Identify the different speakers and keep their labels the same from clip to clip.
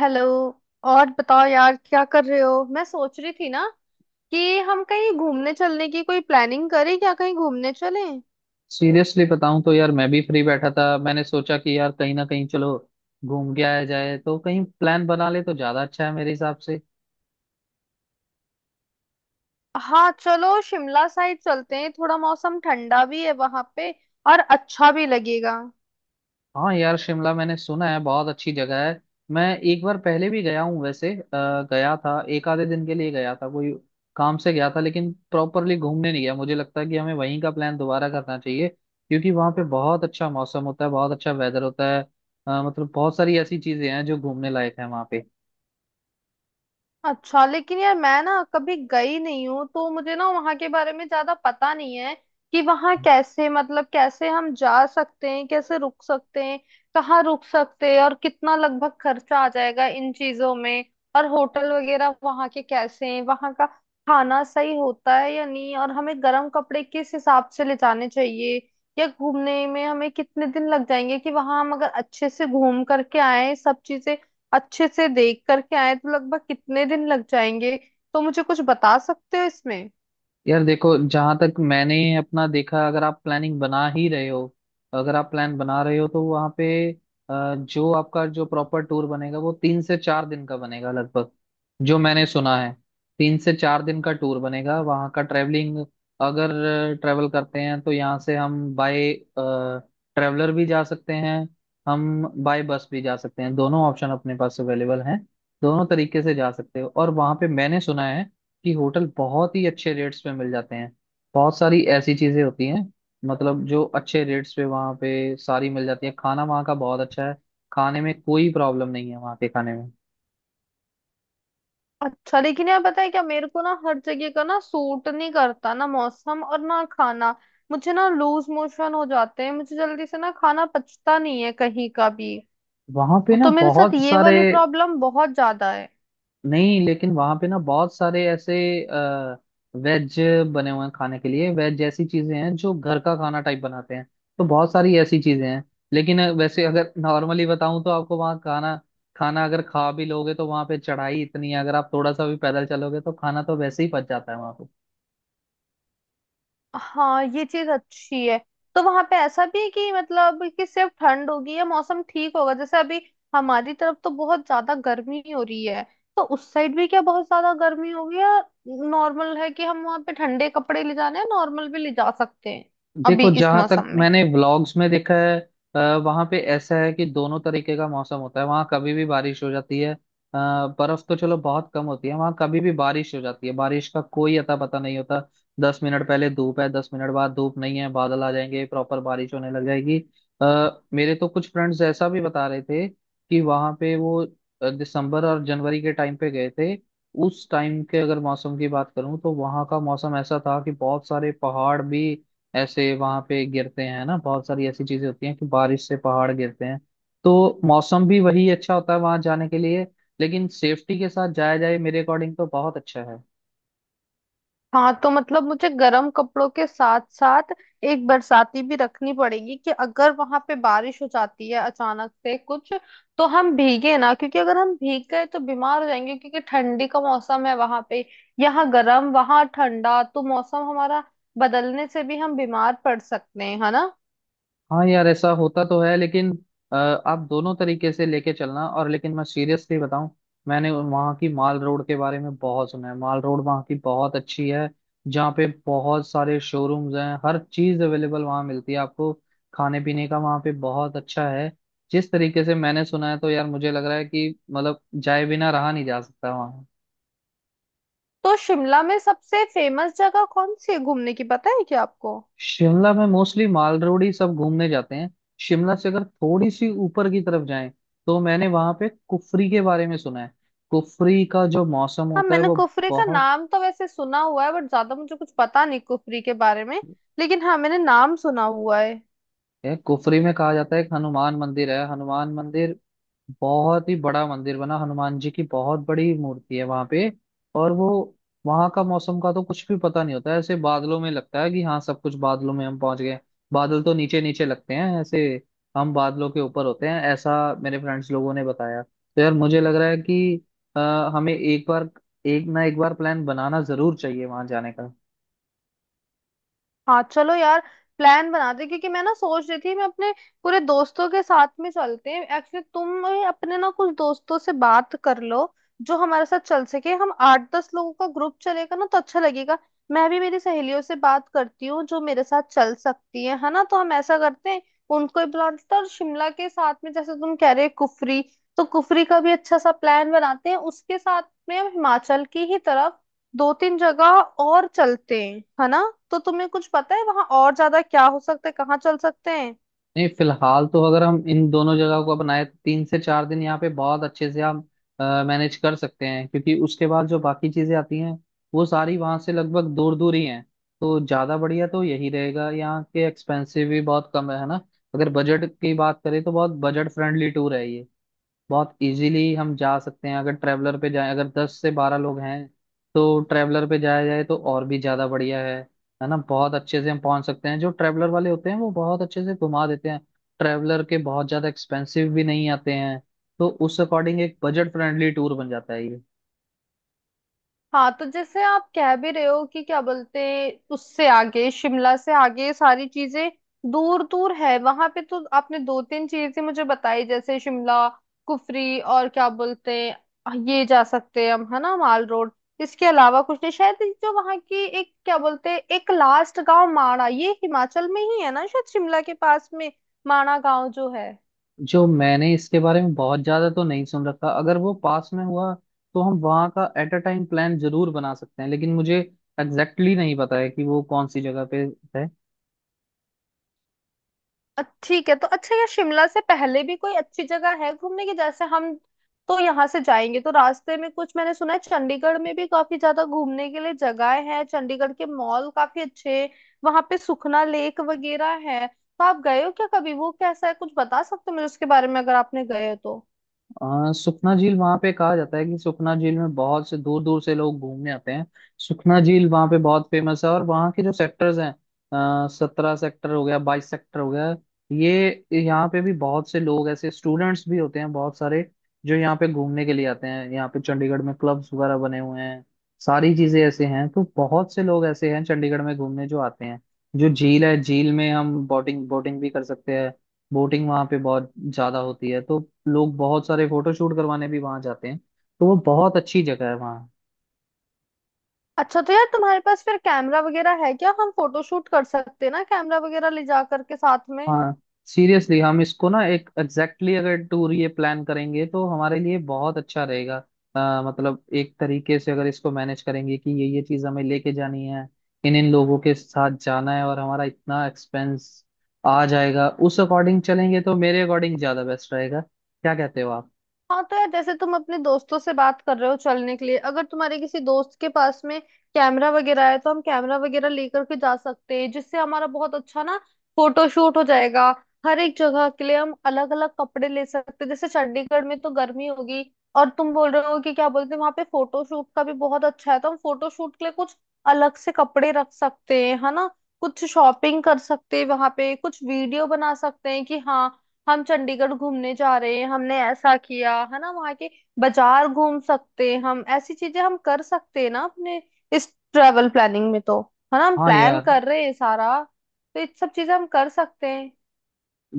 Speaker 1: Hello. और बताओ यार क्या कर रहे हो? मैं सोच रही थी ना कि हम कहीं घूमने चलने की कोई प्लानिंग करें, क्या कहीं घूमने चलें?
Speaker 2: सीरियसली बताऊं तो यार मैं भी फ्री बैठा था। मैंने सोचा कि यार कहीं ना कहीं चलो घूम के आया जाए, तो कहीं प्लान बना ले तो ज्यादा अच्छा है मेरे हिसाब से।
Speaker 1: हाँ चलो शिमला साइड चलते हैं, थोड़ा मौसम ठंडा भी है वहां पे और अच्छा भी लगेगा।
Speaker 2: हाँ यार, शिमला मैंने सुना है बहुत अच्छी जगह है। मैं एक बार पहले भी गया हूँ वैसे। गया था, एक आधे दिन के लिए गया था, कोई काम से गया था, लेकिन प्रॉपरली घूमने नहीं गया। मुझे लगता है कि हमें वहीं का प्लान दोबारा करना चाहिए क्योंकि वहाँ पे बहुत अच्छा मौसम होता है, बहुत अच्छा वेदर होता है। मतलब बहुत सारी ऐसी चीजें हैं जो घूमने लायक है वहाँ पे।
Speaker 1: अच्छा लेकिन यार मैं ना कभी गई नहीं हूँ, तो मुझे ना वहां के बारे में ज्यादा पता नहीं है कि वहां कैसे, मतलब कैसे हम जा सकते हैं, कैसे रुक सकते हैं, कहाँ रुक सकते हैं और कितना लगभग खर्चा आ जाएगा इन चीजों में, और होटल वगैरह वहां के कैसे हैं, वहां का खाना सही होता है या नहीं, और हमें गर्म कपड़े किस हिसाब से ले जाने चाहिए, या घूमने में हमें कितने दिन लग जाएंगे कि वहां हम अगर अच्छे से घूम करके आए सब चीजें अच्छे से देख करके आए तो लगभग कितने दिन लग जाएंगे? तो मुझे कुछ बता सकते हो इसमें?
Speaker 2: यार देखो, जहां तक मैंने अपना देखा, अगर आप प्लानिंग बना ही रहे हो, अगर आप प्लान बना रहे हो तो वहाँ पे जो आपका जो प्रॉपर टूर बनेगा वो 3 से 4 दिन का बनेगा लगभग, जो मैंने सुना है। 3 से 4 दिन का टूर बनेगा वहाँ का। ट्रैवलिंग अगर ट्रैवल करते हैं तो यहाँ से हम बाय ट्रैवलर भी जा सकते हैं, हम बाय बस भी जा सकते हैं। दोनों ऑप्शन अपने पास अवेलेबल हैं, दोनों तरीके से जा सकते हो। और वहाँ पे मैंने सुना है कि होटल बहुत ही अच्छे रेट्स पे मिल जाते हैं। बहुत सारी ऐसी चीजें होती हैं, मतलब जो अच्छे रेट्स पे वहाँ पे सारी मिल जाती है। खाना वहाँ का बहुत अच्छा है, खाने में कोई प्रॉब्लम नहीं है वहाँ के खाने में।
Speaker 1: अच्छा लेकिन यार पता है क्या, मेरे को ना हर जगह का ना सूट नहीं करता, ना मौसम और ना खाना। मुझे ना लूज मोशन हो जाते हैं, मुझे जल्दी से ना खाना पचता नहीं है कहीं का भी,
Speaker 2: वहाँ पे ना
Speaker 1: तो मेरे साथ
Speaker 2: बहुत
Speaker 1: ये
Speaker 2: सारे,
Speaker 1: वाली प्रॉब्लम बहुत ज्यादा है।
Speaker 2: नहीं लेकिन वहां पे ना बहुत सारे ऐसे आ, वेज बने हुए हैं खाने के लिए। वेज जैसी चीजें हैं जो घर का खाना टाइप बनाते हैं, तो बहुत सारी ऐसी चीजें हैं। लेकिन वैसे अगर नॉर्मली बताऊं तो आपको वहाँ खाना खाना अगर खा भी लोगे तो वहां पे चढ़ाई इतनी है, अगर आप थोड़ा सा भी पैदल चलोगे तो खाना तो वैसे ही पच जाता है वहां पे।
Speaker 1: हाँ ये चीज अच्छी है। तो वहां पे ऐसा भी है कि मतलब कि सिर्फ ठंड होगी या मौसम ठीक होगा, जैसे अभी हमारी तरफ तो बहुत ज्यादा गर्मी हो रही है, तो उस साइड भी क्या बहुत ज्यादा गर्मी होगी या नॉर्मल है कि हम वहां पे ठंडे कपड़े ले जाने हैं, नॉर्मल भी ले जा सकते हैं अभी
Speaker 2: देखो,
Speaker 1: इस
Speaker 2: जहां
Speaker 1: मौसम
Speaker 2: तक
Speaker 1: में?
Speaker 2: मैंने व्लॉग्स में देखा है, वहां पे ऐसा है कि दोनों तरीके का मौसम होता है। वहां कभी भी बारिश हो जाती है। बर्फ तो चलो बहुत कम होती है, वहां कभी भी बारिश हो जाती है, बारिश का कोई अता पता नहीं होता। दस मिनट पहले धूप है, 10 मिनट बाद धूप नहीं है, बादल आ जाएंगे, प्रॉपर बारिश होने लग जाएगी। मेरे तो कुछ फ्रेंड्स ऐसा भी बता रहे थे कि वहां पे वो दिसंबर और जनवरी के टाइम पे गए थे। उस टाइम के अगर मौसम की बात करूं तो वहां का मौसम ऐसा था कि बहुत सारे पहाड़ भी ऐसे वहां पे गिरते हैं ना, बहुत सारी ऐसी चीजें होती हैं कि बारिश से पहाड़ गिरते हैं। तो मौसम भी वही अच्छा होता है वहां जाने के लिए, लेकिन सेफ्टी के साथ जाया जाए मेरे अकॉर्डिंग तो बहुत अच्छा है।
Speaker 1: हाँ तो मतलब मुझे गर्म कपड़ों के साथ साथ एक बरसाती भी रखनी पड़ेगी कि अगर वहां पे बारिश हो जाती है अचानक से कुछ, तो हम भीगे ना, क्योंकि अगर हम भीग गए तो बीमार हो जाएंगे, क्योंकि ठंडी का मौसम है वहां पे। यहाँ गर्म वहां ठंडा, तो मौसम हमारा बदलने से भी हम बीमार पड़ सकते हैं, है ना?
Speaker 2: हाँ यार, ऐसा होता तो है, लेकिन आप दोनों तरीके से लेके चलना। और लेकिन मैं सीरियसली बताऊं, मैंने वहाँ की माल रोड के बारे में बहुत सुना है। माल रोड वहाँ की बहुत अच्छी है, जहाँ पे बहुत सारे शोरूम्स हैं, हर चीज़ अवेलेबल वहाँ मिलती है आपको। खाने पीने का वहाँ पे बहुत अच्छा है, जिस तरीके से मैंने सुना है। तो यार मुझे लग रहा है कि मतलब जाए बिना रहा नहीं जा सकता।
Speaker 1: तो शिमला में सबसे फेमस जगह कौन सी है घूमने की, पता है क्या आपको?
Speaker 2: शिमला में मोस्टली माल रोड ही सब घूमने जाते हैं। शिमला से अगर थोड़ी सी ऊपर की तरफ जाएं तो मैंने वहां पे कुफरी के बारे में सुना है। कुफरी का जो मौसम
Speaker 1: हाँ
Speaker 2: होता है
Speaker 1: मैंने
Speaker 2: वो
Speaker 1: कुफरी का
Speaker 2: बहुत।
Speaker 1: नाम तो वैसे सुना हुआ है, बट ज्यादा मुझे कुछ पता नहीं कुफरी के बारे में, लेकिन हाँ मैंने नाम सुना हुआ है।
Speaker 2: यह कुफरी में कहा जाता है एक हनुमान मंदिर है। हनुमान मंदिर बहुत ही बड़ा मंदिर बना, हनुमान जी की बहुत बड़ी मूर्ति है वहां पे। और वो वहां का मौसम का तो कुछ भी पता नहीं होता है, ऐसे बादलों में लगता है कि हाँ सब कुछ बादलों में हम पहुंच गए। बादल तो नीचे नीचे लगते हैं, ऐसे हम बादलों के ऊपर होते हैं ऐसा मेरे फ्रेंड्स लोगों ने बताया। तो यार मुझे लग रहा है कि अ, हमें एक बार, एक ना एक बार प्लान बनाना जरूर चाहिए वहां जाने का।
Speaker 1: हाँ चलो यार प्लान बनाते हैं, क्योंकि मैं ना सोच रही थी मैं अपने पूरे दोस्तों के साथ में चलते हैं। एक्चुअली तुम अपने ना कुछ दोस्तों से बात कर लो जो हमारे साथ चल सके। हम आठ दस लोगों का ग्रुप चलेगा ना तो अच्छा लगेगा। मैं भी मेरी सहेलियों से बात करती हूँ जो मेरे साथ चल सकती है ना? तो हम ऐसा करते हैं, उनको ही बुला लेते हैं। और शिमला के साथ में जैसे तुम कह रहे हो कुफरी, तो कुफरी का भी अच्छा सा प्लान बनाते हैं। उसके साथ में हम हिमाचल की ही तरफ दो तीन जगह और चलते हैं, है ना? तो तुम्हें कुछ पता है वहां और ज्यादा क्या हो सकता है, कहाँ चल सकते हैं?
Speaker 2: नहीं, फिलहाल तो अगर हम इन दोनों जगह को अपनाए तो तीन से चार दिन यहाँ पे बहुत अच्छे से हम मैनेज कर सकते हैं, क्योंकि उसके बाद जो बाकी चीजें आती हैं वो सारी वहां से लगभग दूर दूर ही हैं। तो ज्यादा बढ़िया तो यही रहेगा, यहाँ के एक्सपेंसिव भी बहुत कम है ना? अगर बजट की बात करें तो बहुत बजट फ्रेंडली टूर है ये। बहुत इजीली हम जा सकते हैं, अगर ट्रैवलर पे जाए, अगर 10 से 12 लोग हैं तो ट्रैवलर पे जाया जाए तो और भी ज्यादा बढ़िया है। है ना? बहुत अच्छे से हम पहुंच सकते हैं, जो ट्रैवलर वाले होते हैं वो बहुत अच्छे से घुमा देते हैं। ट्रैवलर के बहुत ज्यादा एक्सपेंसिव भी नहीं आते हैं, तो उस अकॉर्डिंग एक बजट फ्रेंडली टूर बन जाता है ये।
Speaker 1: हाँ तो जैसे आप कह भी रहे हो कि क्या बोलते, उससे आगे, शिमला से आगे ये सारी चीजें दूर दूर है वहां पे। तो आपने दो तीन चीजें मुझे बताई, जैसे शिमला, कुफरी और क्या बोलते हैं, ये जा सकते हैं हम, है ना, माल रोड। इसके अलावा कुछ नहीं शायद। जो वहां की एक क्या बोलते हैं, एक लास्ट गांव माणा, ये हिमाचल में ही है ना शायद, शिमला के पास में, माणा गांव जो है।
Speaker 2: जो मैंने इसके बारे में बहुत ज्यादा तो नहीं सुन रखा, अगर वो पास में हुआ तो हम वहाँ का एट अ टाइम प्लान जरूर बना सकते हैं, लेकिन मुझे एग्जैक्टली exactly नहीं पता है कि वो कौन सी जगह पे है।
Speaker 1: ठीक है। तो अच्छा यार शिमला से पहले भी कोई अच्छी जगह है घूमने की? जैसे हम तो यहाँ से जाएंगे तो रास्ते में, कुछ मैंने सुना है चंडीगढ़ में भी काफी ज्यादा घूमने के लिए जगह है, चंडीगढ़ के मॉल काफी अच्छे, वहां पे सुखना लेक वगैरह है। तो आप गए हो क्या कभी? वो कैसा है, कुछ बता सकते हो मुझे उसके बारे में, अगर आपने गए हो तो?
Speaker 2: सुखना झील वहां पे कहा जाता है कि सुखना झील में बहुत से दूर दूर से लोग घूमने आते हैं। सुखना झील वहां पे बहुत फेमस है, और वहाँ के जो सेक्टर्स हैं, 17 सेक्टर हो गया, 22 सेक्टर हो गया, ये यहाँ पे भी बहुत से लोग ऐसे स्टूडेंट्स भी होते हैं बहुत सारे जो यहाँ पे घूमने के लिए आते हैं। यहाँ पे चंडीगढ़ में क्लब्स वगैरह बने हुए हैं, सारी चीजें ऐसे हैं, तो बहुत से लोग ऐसे हैं चंडीगढ़ में घूमने जो आते हैं। जो झील है, झील में हम बोटिंग बोटिंग भी कर सकते हैं, बोटिंग वहां पे बहुत ज्यादा होती है। तो लोग बहुत सारे फोटो शूट करवाने भी वहां जाते हैं, तो वो बहुत अच्छी जगह है वहाँ।
Speaker 1: अच्छा तो यार तुम्हारे पास फिर कैमरा वगैरह है क्या? हम फोटो शूट कर सकते हैं ना, कैमरा वगैरह ले जा करके साथ में।
Speaker 2: हाँ, सीरियसली हम इसको ना एक एग्जैक्टली exactly अगर टूर ये प्लान करेंगे तो हमारे लिए बहुत अच्छा रहेगा। मतलब एक तरीके से अगर इसको मैनेज करेंगे कि ये चीज हमें लेके जानी है, इन इन लोगों के साथ जाना है, और हमारा इतना एक्सपेंस आ जाएगा, उस अकॉर्डिंग चलेंगे तो मेरे अकॉर्डिंग ज्यादा बेस्ट रहेगा। क्या कहते हो आप?
Speaker 1: हाँ तो यार जैसे तुम अपने दोस्तों से बात कर रहे हो चलने के लिए, अगर तुम्हारे किसी दोस्त के पास में कैमरा वगैरह है तो हम कैमरा वगैरह लेकर के जा सकते हैं, जिससे हमारा बहुत अच्छा ना फोटो शूट हो जाएगा। हर एक जगह के लिए हम अलग अलग कपड़े ले सकते हैं। जैसे चंडीगढ़ में तो गर्मी होगी, और तुम बोल रहे हो कि क्या बोलते हैं, वहां पे फोटो शूट का भी बहुत अच्छा है, तो हम फोटो शूट के लिए कुछ अलग से कपड़े रख सकते हैं, है ना। कुछ शॉपिंग कर सकते हैं वहां पे, कुछ वीडियो बना सकते हैं कि हाँ हम चंडीगढ़ घूमने जा रहे हैं, हमने ऐसा किया, है ना। वहाँ के बाजार घूम सकते हैं हम। ऐसी चीजें हम कर सकते हैं ना अपने इस ट्रेवल प्लानिंग में, तो, है ना, हम
Speaker 2: हाँ
Speaker 1: प्लान
Speaker 2: यार,
Speaker 1: कर रहे हैं सारा। तो ये सब चीजें हम कर सकते हैं।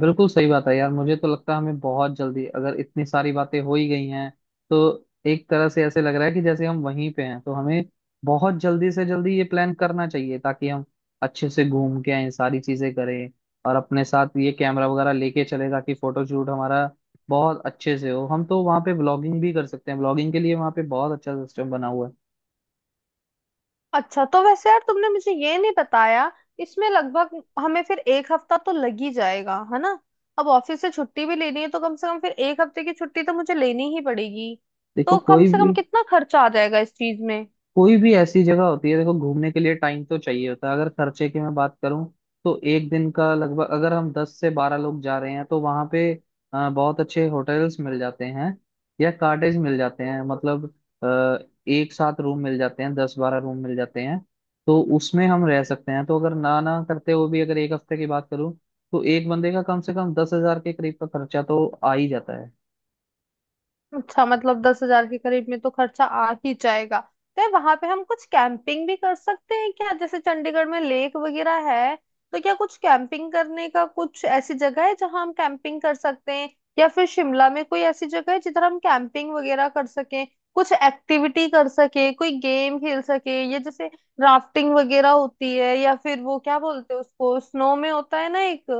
Speaker 2: बिल्कुल सही बात है यार। मुझे तो लगता है हमें बहुत जल्दी, अगर इतनी सारी बातें हो ही गई हैं तो एक तरह से ऐसे लग रहा है कि जैसे हम वहीं पे हैं। तो हमें बहुत जल्दी से जल्दी ये प्लान करना चाहिए ताकि हम अच्छे से घूम के आए, सारी चीजें करें, और अपने साथ ये कैमरा वगैरह लेके चले ताकि फोटो शूट हमारा बहुत अच्छे से हो। हम तो वहाँ पे ब्लॉगिंग भी कर सकते हैं, ब्लॉगिंग के लिए वहाँ पे बहुत अच्छा सिस्टम बना हुआ है।
Speaker 1: अच्छा तो वैसे यार तुमने मुझे ये नहीं बताया, इसमें लगभग हमें फिर एक हफ्ता तो लग ही जाएगा, है ना? अब ऑफिस से छुट्टी भी लेनी है, तो कम से कम फिर एक हफ्ते की छुट्टी तो मुझे लेनी ही पड़ेगी।
Speaker 2: देखो,
Speaker 1: तो कम
Speaker 2: कोई
Speaker 1: से कम
Speaker 2: भी
Speaker 1: कितना खर्चा आ जाएगा इस चीज में?
Speaker 2: कोई भी ऐसी जगह होती है, देखो, घूमने के लिए टाइम तो चाहिए होता है। अगर खर्चे की मैं बात करूं तो एक दिन का लगभग, अगर हम 10 से 12 लोग जा रहे हैं तो वहां पे बहुत अच्छे होटल्स मिल जाते हैं या कॉटेज मिल जाते हैं। मतलब अ, एक साथ रूम मिल जाते हैं, 10-12 रूम मिल जाते हैं, तो उसमें हम रह सकते हैं। तो अगर ना ना करते हुए भी अगर एक हफ्ते की बात करूं तो एक बंदे का कम से कम 10,000 के करीब का खर्चा तो आ ही जाता है।
Speaker 1: अच्छा मतलब 10,000 के करीब में तो खर्चा आ ही जाएगा। तो वहां पे हम कुछ कैंपिंग भी कर सकते हैं क्या? जैसे चंडीगढ़ में लेक वगैरह है, तो क्या कुछ कैंपिंग करने का कुछ ऐसी जगह है जहां हम कैंपिंग कर सकते हैं? या फिर शिमला में कोई ऐसी जगह है जिधर हम कैंपिंग वगैरह कर सकें, कुछ एक्टिविटी कर सके, कोई गेम खेल सके, ये जैसे राफ्टिंग वगैरह होती है, या फिर वो क्या बोलते हैं उसको, स्नो में होता है ना एक,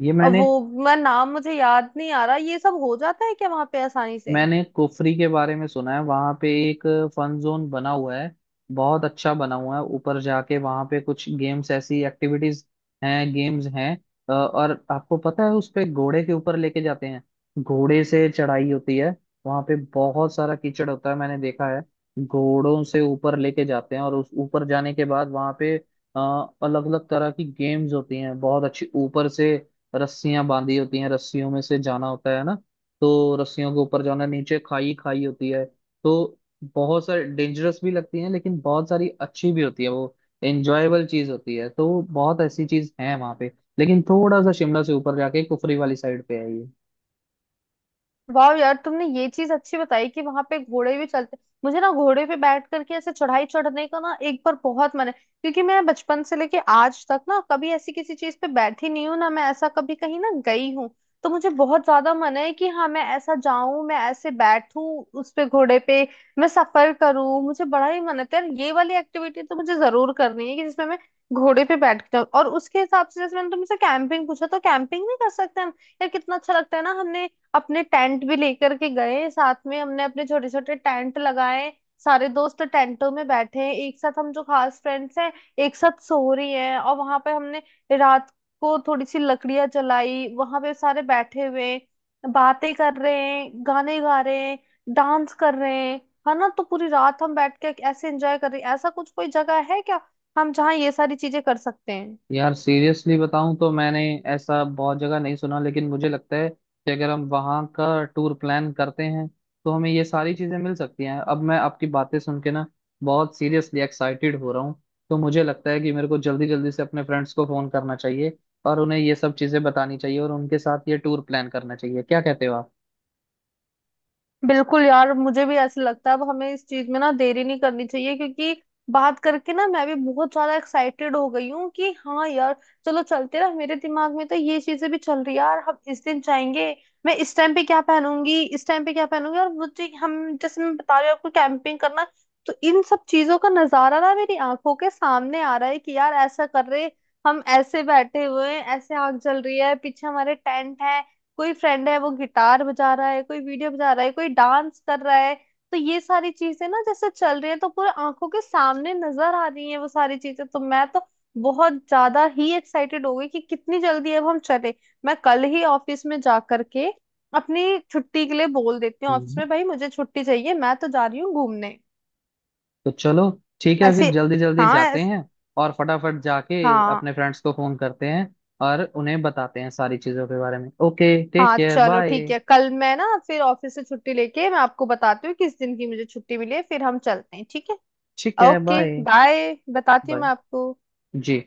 Speaker 2: ये
Speaker 1: अब
Speaker 2: मैंने
Speaker 1: वो मैं नाम मुझे याद नहीं आ रहा। ये सब हो जाता है क्या वहां पे आसानी से?
Speaker 2: मैंने कुफरी के बारे में सुना है वहां पे एक फन जोन बना हुआ है, बहुत अच्छा बना हुआ है। ऊपर जाके वहां पे कुछ गेम्स, ऐसी एक्टिविटीज हैं, गेम्स हैं। और आपको पता है उस पे घोड़े के ऊपर लेके जाते हैं, घोड़े से चढ़ाई होती है। वहां पे बहुत सारा कीचड़ होता है, मैंने देखा है। घोड़ों से ऊपर लेके जाते हैं, और उस ऊपर जाने के बाद वहां पे अलग अलग तरह की गेम्स होती हैं बहुत अच्छी। ऊपर से रस्सियां बांधी होती हैं, रस्सियों में से जाना होता है ना, तो रस्सियों के ऊपर जाना, नीचे खाई खाई होती है, तो बहुत सारी डेंजरस भी लगती है, लेकिन बहुत सारी अच्छी भी होती है। वो एंजॉयबल चीज होती है, तो बहुत ऐसी चीज है वहां पे, लेकिन थोड़ा सा शिमला से ऊपर जाके कुफरी वाली साइड पे है ये।
Speaker 1: वाह यार तुमने ये चीज अच्छी बताई कि वहां पे घोड़े भी चलते। मुझे ना घोड़े पे बैठ करके ऐसे चढ़ाई चढ़ने का ना एक बार बहुत मन है, क्योंकि मैं बचपन से लेके आज तक ना कभी ऐसी किसी चीज पे बैठी नहीं हूँ, ना मैं ऐसा कभी कहीं ना गई हूँ। तो मुझे बहुत ज्यादा मन है कि हाँ मैं ऐसा जाऊं, मैं ऐसे बैठूं उस पे, घोड़े पे मैं सफर करूं, मुझे बड़ा ही मन है। तो यार ये वाली एक्टिविटी तो मुझे जरूर करनी है कि जिसमें मैं घोड़े पे बैठ के जाऊं। और उसके हिसाब से, जैसे मैंने तुमसे कैंपिंग पूछा, तो कैंपिंग भी कर सकते हैं हम। यार कितना अच्छा लगता है ना, हमने अपने टेंट भी लेकर के गए साथ में, हमने अपने छोटे छोटे टेंट लगाए, सारे दोस्त टेंटों में बैठे हैं एक साथ, हम जो खास फ्रेंड्स हैं एक साथ सो रही हैं, और वहां पे हमने रात को थोड़ी सी लकड़ियां जलाई, वहां पे सारे बैठे हुए हैं, बातें कर रहे हैं, गाने गा रहे हैं, डांस कर रहे हैं, है ना, तो पूरी रात हम बैठ के ऐसे एंजॉय कर रहे हैं। ऐसा कुछ कोई जगह है क्या, हम जहाँ ये सारी चीजें कर सकते हैं?
Speaker 2: यार सीरियसली बताऊं तो मैंने ऐसा बहुत जगह नहीं सुना, लेकिन मुझे लगता है कि अगर हम वहाँ का टूर प्लान करते हैं तो हमें ये सारी चीजें मिल सकती हैं। अब मैं आपकी बातें सुन के ना बहुत सीरियसली एक्साइटेड हो रहा हूँ। तो मुझे लगता है कि मेरे को जल्दी जल्दी से अपने फ्रेंड्स को फोन करना चाहिए और उन्हें ये सब चीजें बतानी चाहिए और उनके साथ ये टूर प्लान करना चाहिए। क्या कहते हो आप?
Speaker 1: बिल्कुल यार मुझे भी ऐसे लगता है, अब हमें इस चीज में ना देरी नहीं करनी चाहिए, क्योंकि बात करके ना मैं भी बहुत ज्यादा एक्साइटेड हो गई हूँ कि हाँ यार चलो चलते ना। मेरे दिमाग में तो ये चीजें भी चल रही है यार, हम इस दिन जाएंगे, मैं इस टाइम पे क्या पहनूंगी, इस टाइम पे क्या पहनूंगी, और मुझे हम, जैसे मैं बता रही हूँ आपको कैंपिंग करना, तो इन सब चीजों का नजारा ना मेरी आंखों के सामने आ रहा है कि यार ऐसा कर रहे हम, ऐसे बैठे हुए हैं, ऐसे आग जल रही है, पीछे हमारे टेंट है, कोई फ्रेंड है वो गिटार बजा रहा है, कोई वीडियो बजा रहा है, कोई डांस कर रहा है। तो ये सारी चीजें ना जैसे चल रही है तो पूरे आंखों के सामने नजर आ रही है वो सारी चीजें। तो मैं तो बहुत ज्यादा ही एक्साइटेड हो गई कि कितनी जल्दी अब हम चले। मैं कल ही ऑफिस में जा करके अपनी छुट्टी के लिए बोल देती हूँ ऑफिस
Speaker 2: हम्म।
Speaker 1: में, भाई मुझे छुट्टी चाहिए, मैं तो जा रही हूँ घूमने।
Speaker 2: तो चलो, ठीक है,
Speaker 1: ऐसे,
Speaker 2: फिर जल्दी जल्दी
Speaker 1: हाँ
Speaker 2: जाते हैं और फटाफट जाके
Speaker 1: हाँ,
Speaker 2: अपने फ्रेंड्स को फोन करते हैं और उन्हें बताते हैं सारी चीजों के बारे में। ओके, टेक
Speaker 1: हाँ
Speaker 2: केयर,
Speaker 1: चलो
Speaker 2: बाय।
Speaker 1: ठीक है, कल मैं ना फिर ऑफिस से छुट्टी लेके मैं आपको बताती हूँ किस दिन की मुझे छुट्टी मिली है, फिर हम चलते हैं, ठीक है।
Speaker 2: ठीक है,
Speaker 1: ओके
Speaker 2: बाय।
Speaker 1: बाय, बताती हूँ मैं
Speaker 2: बाय
Speaker 1: आपको।
Speaker 2: जी।